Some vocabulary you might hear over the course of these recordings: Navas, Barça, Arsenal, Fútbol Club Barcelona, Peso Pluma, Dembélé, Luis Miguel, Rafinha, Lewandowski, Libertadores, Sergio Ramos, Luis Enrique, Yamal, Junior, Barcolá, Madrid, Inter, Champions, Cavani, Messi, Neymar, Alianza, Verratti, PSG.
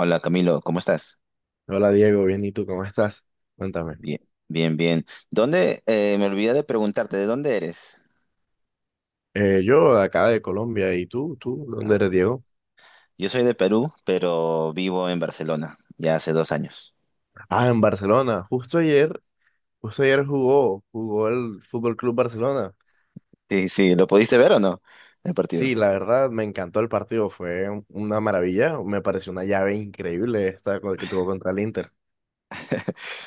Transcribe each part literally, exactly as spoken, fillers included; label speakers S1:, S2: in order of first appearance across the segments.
S1: Hola Camilo, ¿cómo estás?
S2: Hola Diego, bien, ¿y tú cómo estás? Cuéntame.
S1: Bien, bien, bien. ¿Dónde? eh, me olvidé de preguntarte, ¿de dónde eres?
S2: Eh, yo de acá de Colombia, ¿y tú? ¿Tú dónde eres,
S1: Ah,
S2: Diego?
S1: yo soy de Perú, pero vivo en Barcelona ya hace dos años.
S2: Ah, en Barcelona. Justo ayer, justo ayer jugó, jugó el Fútbol Club Barcelona.
S1: Sí, sí, ¿lo pudiste ver o no? El partido.
S2: Sí, la verdad me encantó el partido, fue un- una maravilla, me pareció una llave increíble esta co- que tuvo contra el Inter.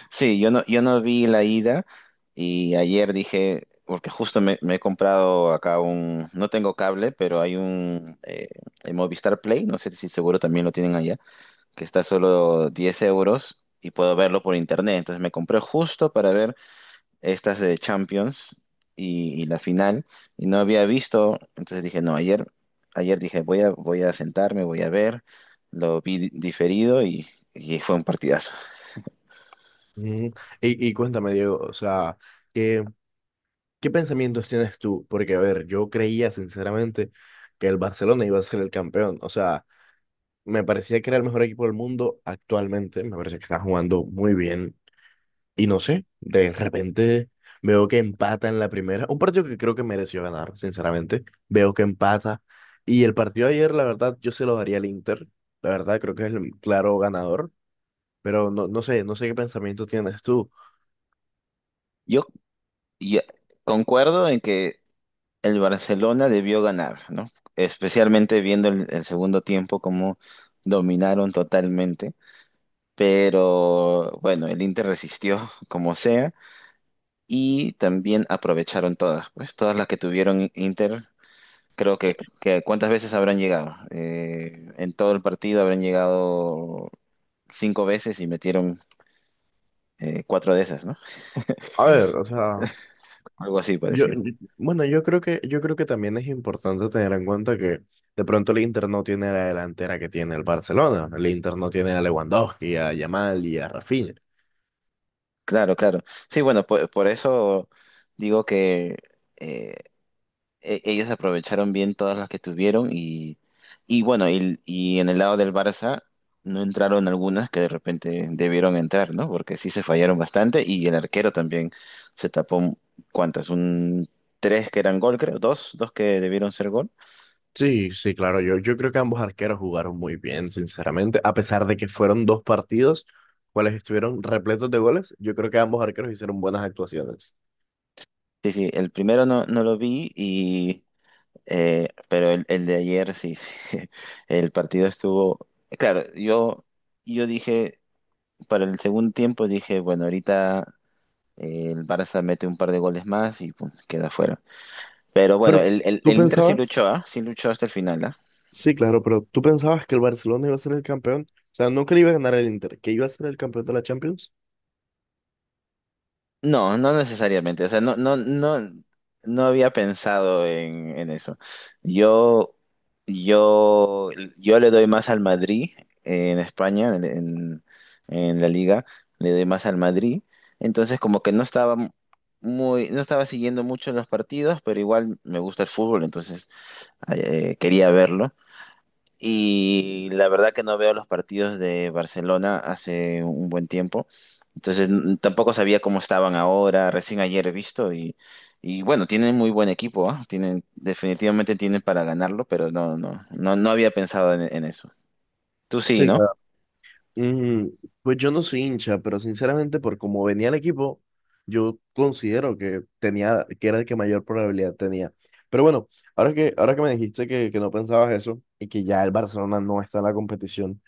S1: Sí, yo no, yo no vi la ida y ayer dije, porque justo me, me he comprado acá un, no tengo cable, pero hay un eh, el Movistar Play, no sé si seguro también lo tienen allá, que está solo diez euros y puedo verlo por internet. Entonces me compré justo para ver estas de Champions y, y la final y no había visto, entonces dije, no, ayer, ayer dije, voy a, voy a sentarme, voy a ver, lo vi di- diferido y, y fue un partidazo.
S2: Ujú. Y, y cuéntame, Diego, o sea, ¿qué, qué pensamientos tienes tú? Porque, a ver, yo creía sinceramente que el Barcelona iba a ser el campeón, o sea. Me parecía que era el mejor equipo del mundo actualmente. Me parece que está jugando muy bien. Y no sé, de repente veo que empata en la primera. Un partido que creo que mereció ganar, sinceramente. Veo que empata. Y el partido de ayer, la verdad, yo se lo daría al Inter. La verdad, creo que es el claro ganador. Pero no, no sé, no sé qué pensamiento tienes tú.
S1: Yo, y- concuerdo en que el Barcelona debió ganar, ¿no? Especialmente viendo el, el segundo tiempo, cómo dominaron totalmente. Pero bueno, el Inter resistió como sea y también aprovecharon todas, pues todas las que tuvieron Inter. Creo que, que ¿cuántas veces habrán llegado? Eh, en todo el partido habrán llegado cinco veces y metieron eh, cuatro de esas, ¿no?
S2: A ver, o sea.
S1: Algo así
S2: Yo,
S1: parecido.
S2: yo- bueno, yo creo que, yo creo que también es importante tener en cuenta que de pronto el Inter no tiene la delantera que tiene el Barcelona. El Inter no tiene a Lewandowski, a Yamal y a Rafinha.
S1: Claro, claro. Sí, bueno, por, por eso digo que eh, e- ellos aprovecharon bien todas las que tuvieron y, y bueno, y, y en el lado del Barça no entraron algunas que de repente debieron entrar, ¿no? Porque sí se fallaron bastante y el arquero también se tapó, ¿cuántas? Un tres que eran gol, creo, dos, dos que debieron ser gol.
S2: Sí, sí, claro. Yo, yo creo que ambos arqueros jugaron muy bien, sinceramente. A pesar de que fueron dos partidos, cuales estuvieron repletos de goles, yo creo que ambos arqueros hicieron buenas actuaciones.
S1: Sí, sí, el primero no, no lo vi y, eh, pero el, el de ayer sí, sí, el partido estuvo. Claro, yo, yo dije, para el segundo tiempo dije, bueno, ahorita. El Barça mete un par de goles más y pum, queda fuera. Pero bueno,
S2: Pero
S1: el, el,
S2: tú
S1: el Inter sí
S2: pensabas,
S1: luchó, ¿ah? Sí luchó hasta el final, ¿ah?
S2: sí, claro, pero tú pensabas que el Barcelona iba a ser el campeón, o sea, no que le iba a ganar el Inter, que iba a ser el campeón de la Champions.
S1: No, no necesariamente. O sea, no, no, no, no había pensado en, en eso. Yo, yo, yo le doy más al Madrid, eh, en España, en, en- en la liga, le doy más al Madrid. Entonces, como que no estaba muy, no estaba siguiendo mucho los partidos, pero igual me gusta el fútbol, entonces eh, quería verlo. Y la verdad que no veo los partidos de Barcelona hace un buen tiempo. Entonces n- tampoco sabía cómo estaban ahora, recién ayer he visto y, y bueno, tienen muy buen equipo, ¿ah? Tienen, definitivamente tienen para ganarlo, pero no, no, no, no había pensado en, en eso. Tú sí,
S2: Sí,
S1: ¿no?
S2: claro. Mm, pues yo no soy hincha, pero sinceramente por cómo venía el equipo, yo considero que tenía, que era el que mayor probabilidad tenía. Pero bueno, ahora que, ahora que me dijiste que, que no pensabas eso y que ya el Barcelona no está en la competición,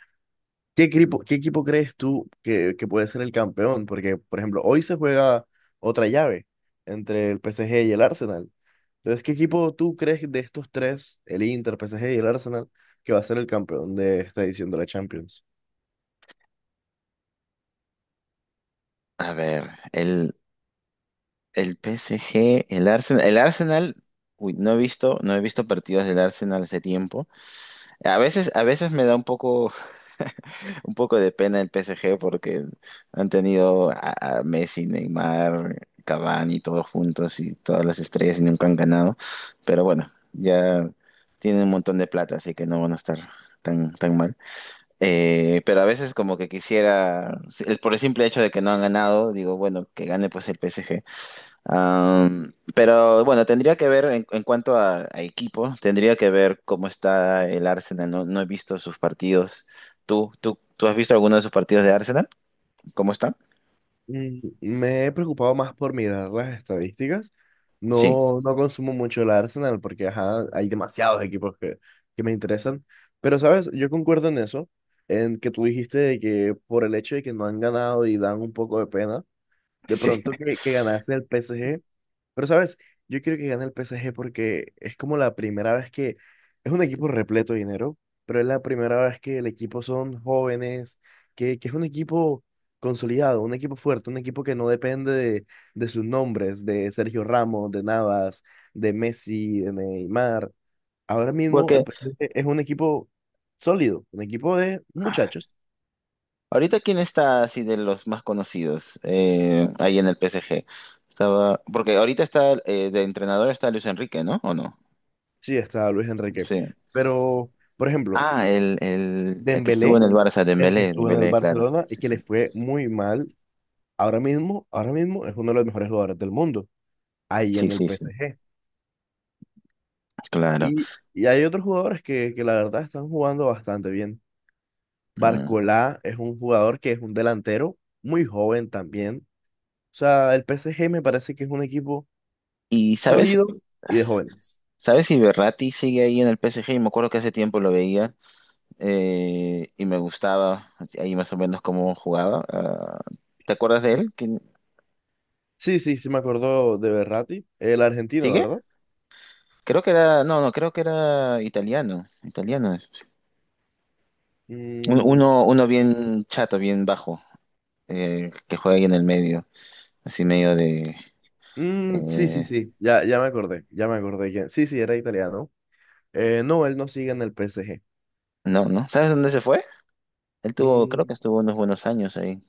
S2: ¿qué equipo, qué equipo crees tú que, que puede ser el campeón? Porque, por ejemplo, hoy se juega otra llave entre el P S G y el Arsenal. Entonces, ¿qué equipo tú crees de estos tres, el Inter, P S G y el Arsenal, que va a ser el campeón de esta edición de la Champions?
S1: A ver, el, el P S G, el Arsenal, el Arsenal, uy, no he visto, no he visto partidos del Arsenal hace tiempo. A veces, a veces me da un poco Un poco de pena el P S G porque han tenido a, a Messi, Neymar, Cavani, todos juntos y todas las estrellas y nunca han ganado. Pero bueno, ya tienen un montón de plata, así que no van a estar tan, tan mal. Eh, pero a veces como que quisiera, el- por el simple hecho de que no han ganado, digo, bueno, que gane pues el P S G. Am, pero bueno, tendría que ver en, en cuanto a, a equipo, tendría que ver cómo está el Arsenal. No, no he visto sus partidos. ¿Tú, tú, tú has visto alguno de sus partidos de Arsenal? ¿Cómo están?
S2: Mm, Me he preocupado más por mirar las estadísticas.
S1: Sí,
S2: No, no consumo mucho el Arsenal porque ajá, hay demasiados equipos que, que me interesan. Pero, ¿sabes? Yo concuerdo en eso, en que tú dijiste de que por el hecho de que no han ganado y dan un poco de pena, de
S1: sí.
S2: pronto que, que ganase el P S G. Pero, ¿sabes? Yo quiero que gane el P S G porque es como la primera vez que es un equipo repleto de dinero, pero es la primera vez que el equipo son jóvenes, que, que es un equipo consolidado, un equipo fuerte, un equipo que no depende de, de sus nombres, de Sergio Ramos, de Navas, de Messi, de Neymar. Ahora mismo el
S1: Porque
S2: P S G es un equipo sólido, un equipo de muchachos.
S1: ahorita, ¿quién está así de los más conocidos, eh, ahí en el P S G? Estaba, porque ahorita está, eh, de entrenador está Luis Enrique, ¿no? ¿O no?
S2: Sí, está Luis Enrique.
S1: Sí.
S2: Pero, por ejemplo,
S1: Ah, el, el, el que estuvo en
S2: Dembélé,
S1: el Barça,
S2: el que
S1: Dembélé,
S2: estuvo en el
S1: Dembélé, claro.
S2: Barcelona y
S1: Sí,
S2: que
S1: sí.
S2: le fue muy mal. Ahora mismo, ahora mismo es uno de los mejores jugadores del mundo, ahí
S1: Sí,
S2: en el
S1: sí, sí.
S2: P S G.
S1: Claro.
S2: Y, y hay otros jugadores que, que la verdad están jugando bastante bien.
S1: Ah.
S2: Barcolá es un jugador que es un delantero muy joven también. O sea, el P S G me parece que es un equipo
S1: Y sabes,
S2: sólido y de jóvenes.
S1: sabes si Berratti sigue ahí en el P S G, y me acuerdo que hace tiempo lo veía, eh, y me gustaba ahí más o menos cómo jugaba. Ah, ¿te acuerdas de
S2: Sí,
S1: él? ¿Quién-
S2: sí, sí, sí me acordó de Berratti, el argentino,
S1: ¿Sigue?
S2: ¿verdad?
S1: Creo que era, no, no, creo que era italiano, italiano. Es. Sí. Un-
S2: Mm,
S1: Uno, uno bien chato, bien bajo, eh, que juega ahí en el medio, así medio de.
S2: mm, sí, sí,
S1: eh,
S2: sí, ya, ya me acordé, ya me acordé. quién- Sí, sí, era italiano. Eh, no, él no sigue en el P S G.
S1: no, ¿no? ¿Sabes dónde se fue? Él tuvo, creo que
S2: Mm,
S1: estuvo unos buenos años ahí.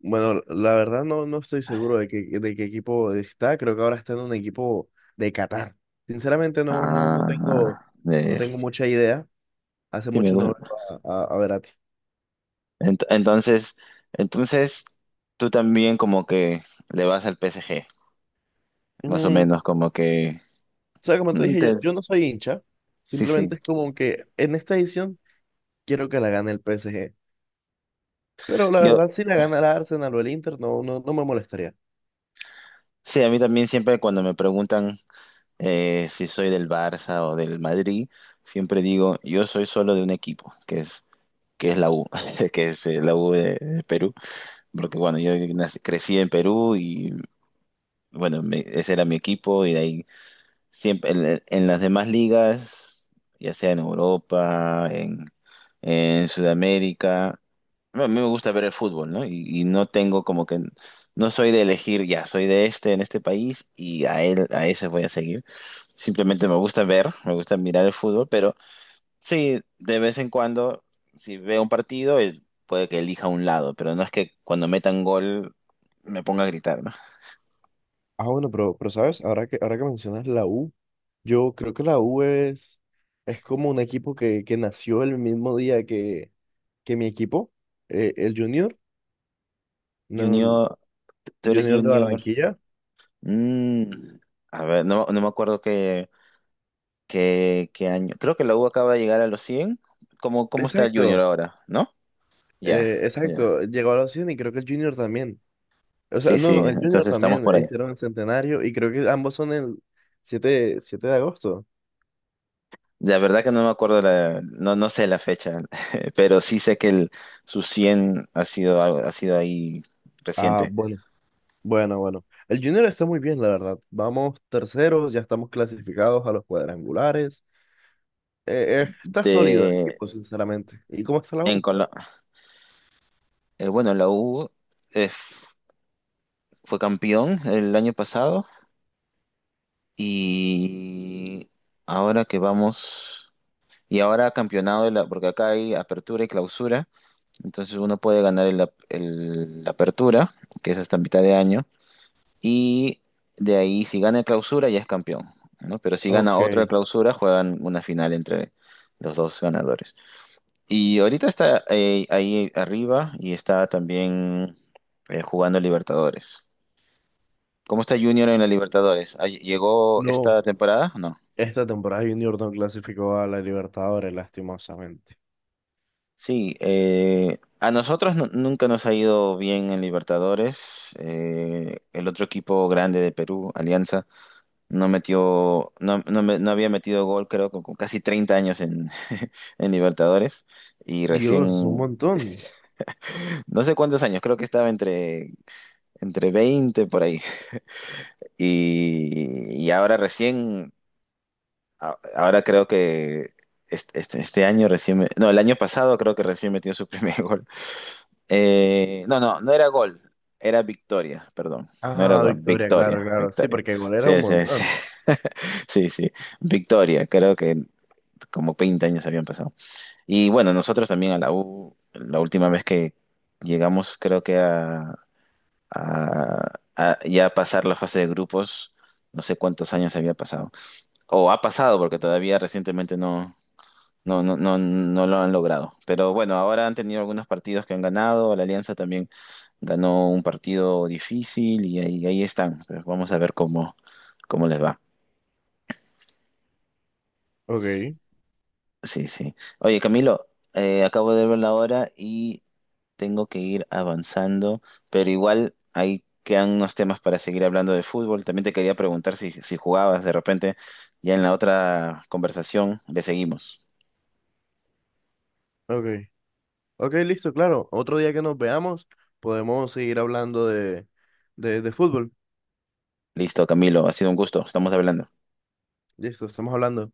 S2: bueno, la verdad no, no estoy seguro de qué, de qué, equipo está. Creo que ahora está en un equipo de Qatar. Sinceramente no, no, no tengo,
S1: Ah,
S2: no
S1: de,
S2: tengo mucha idea. Hace
S1: sí, me,
S2: mucho no veo a, a, a Verratti.
S1: Ent- Entonces, entonces tú también como que le vas al P S G, más o
S2: Mm, o
S1: menos como que
S2: sea, como te
S1: mm,
S2: dije, yo,
S1: te-
S2: yo no soy hincha.
S1: sí, sí.
S2: Simplemente es como que en esta edición quiero que la gane el P S G. Pero la
S1: Yo
S2: verdad, si la gana el Arsenal o el Inter, no, no, no me molestaría.
S1: sí, a mí también siempre cuando me preguntan, eh, si soy del Barça o del Madrid, siempre digo, yo soy solo de un equipo, que es que es la U, que es, eh, la U de, de Perú, porque bueno, yo nací- crecí en Perú y bueno, me- ese era mi equipo y de ahí siempre en, en las demás ligas, ya sea en Europa, en, en Sudamérica, bueno, a mí me gusta ver el fútbol, ¿no? Y, y no tengo como que, no soy de elegir, ya, soy de este en este país y a él, a ese voy a seguir. Simplemente me gusta ver, me gusta mirar el fútbol, pero sí, de vez en cuando, si veo un partido, el- puede que elija un lado, pero no es que cuando metan gol me ponga a gritar, ¿no?
S2: Ah, bueno, pero, pero sabes, ahora que, ahora que mencionas la U, yo creo que la U es, es como un equipo que, que nació el mismo día que, que mi equipo, eh, el Junior, no,
S1: Junior, tú eres
S2: Junior de
S1: Junior.
S2: Barranquilla.
S1: Mm, a ver, no, no me acuerdo qué, qué, qué año. Creo que la U acaba de llegar a los cien. ¿Cómo, cómo está el Junior
S2: Exacto,
S1: ahora? ¿No? Ya,
S2: eh,
S1: ya.
S2: exacto, llegó a los cien y creo que el Junior también. O sea,
S1: Sí,
S2: no,
S1: sí,
S2: no, el Junior
S1: entonces estamos
S2: también,
S1: por ahí.
S2: hicieron el centenario y creo que ambos son el siete, siete de agosto.
S1: La verdad que no me acuerdo, la, no, no sé la fecha, pero sí sé que el, su cien ha sido, algo- ha sido ahí
S2: Ah,
S1: reciente.
S2: bueno, bueno, bueno. El Junior está muy bien, la verdad. Vamos terceros, ya estamos clasificados a los cuadrangulares. Eh, eh, está sólido el
S1: De,
S2: equipo, sinceramente. ¿Y cómo está la
S1: en
S2: U?
S1: Colo- eh, bueno, la U, eh, fue campeón el año pasado y ahora que vamos. Y ahora campeonado, de la, porque acá hay apertura y clausura, entonces uno puede ganar el, ap- el- la apertura, que es hasta mitad de año, y de ahí si gana el clausura ya es campeón, ¿no? Pero si gana
S2: Ok.
S1: otra clausura, juegan una final entre los dos ganadores. Y ahorita está, eh, ahí arriba y está también, eh, jugando Libertadores. ¿Cómo está Junior en la Libertadores? ¿Ah, ¿Llegó
S2: No,
S1: esta temporada? No.
S2: esta temporada Junior no clasificó a la Libertadores, lastimosamente.
S1: Sí, eh, a nosotros nu- nunca nos ha ido bien en Libertadores. Eh, el otro equipo grande de Perú, Alianza, no metió, no, no me- no había metido gol, creo, con, con casi treinta años en, en Libertadores. Y
S2: Dios, un
S1: recién,
S2: montón.
S1: no sé cuántos años, creo que estaba entre, entre veinte por ahí. Y, y ahora recién, a- ahora creo que este, este- este año recién, me- no, el año pasado creo que recién metió su primer gol. Eh, no, no, no era gol, era victoria, perdón. No era
S2: Ah,
S1: gol,
S2: Victoria, claro,
S1: victoria,
S2: claro. Sí,
S1: victoria.
S2: porque igual era un
S1: Sí, sí, sí.
S2: montón.
S1: Sí, sí, victoria. Creo que como veinte años habían pasado. Y bueno, nosotros también a la U, la última vez que llegamos, creo que a, a- a ya pasar la fase de grupos, no sé cuántos años había pasado. O ha pasado porque todavía recientemente no, no, no, no, no lo han logrado. Pero bueno, ahora han tenido algunos partidos que han ganado. La Alianza también ganó un partido difícil y ahí, ahí están. Pero vamos a ver cómo, cómo les va.
S2: Ok,
S1: Sí, sí. Oye, Camilo, eh, acabo de ver la hora y tengo que ir avanzando, pero igual ahí quedan unos temas para seguir hablando de fútbol. También te quería preguntar si, si jugabas de repente, ya en la otra conversación le seguimos.
S2: ok. Ok, listo, claro. Otro día que nos veamos, podemos seguir hablando de, de, de fútbol.
S1: Listo, Camilo, ha sido un gusto. Estamos hablando.
S2: Listo, estamos hablando.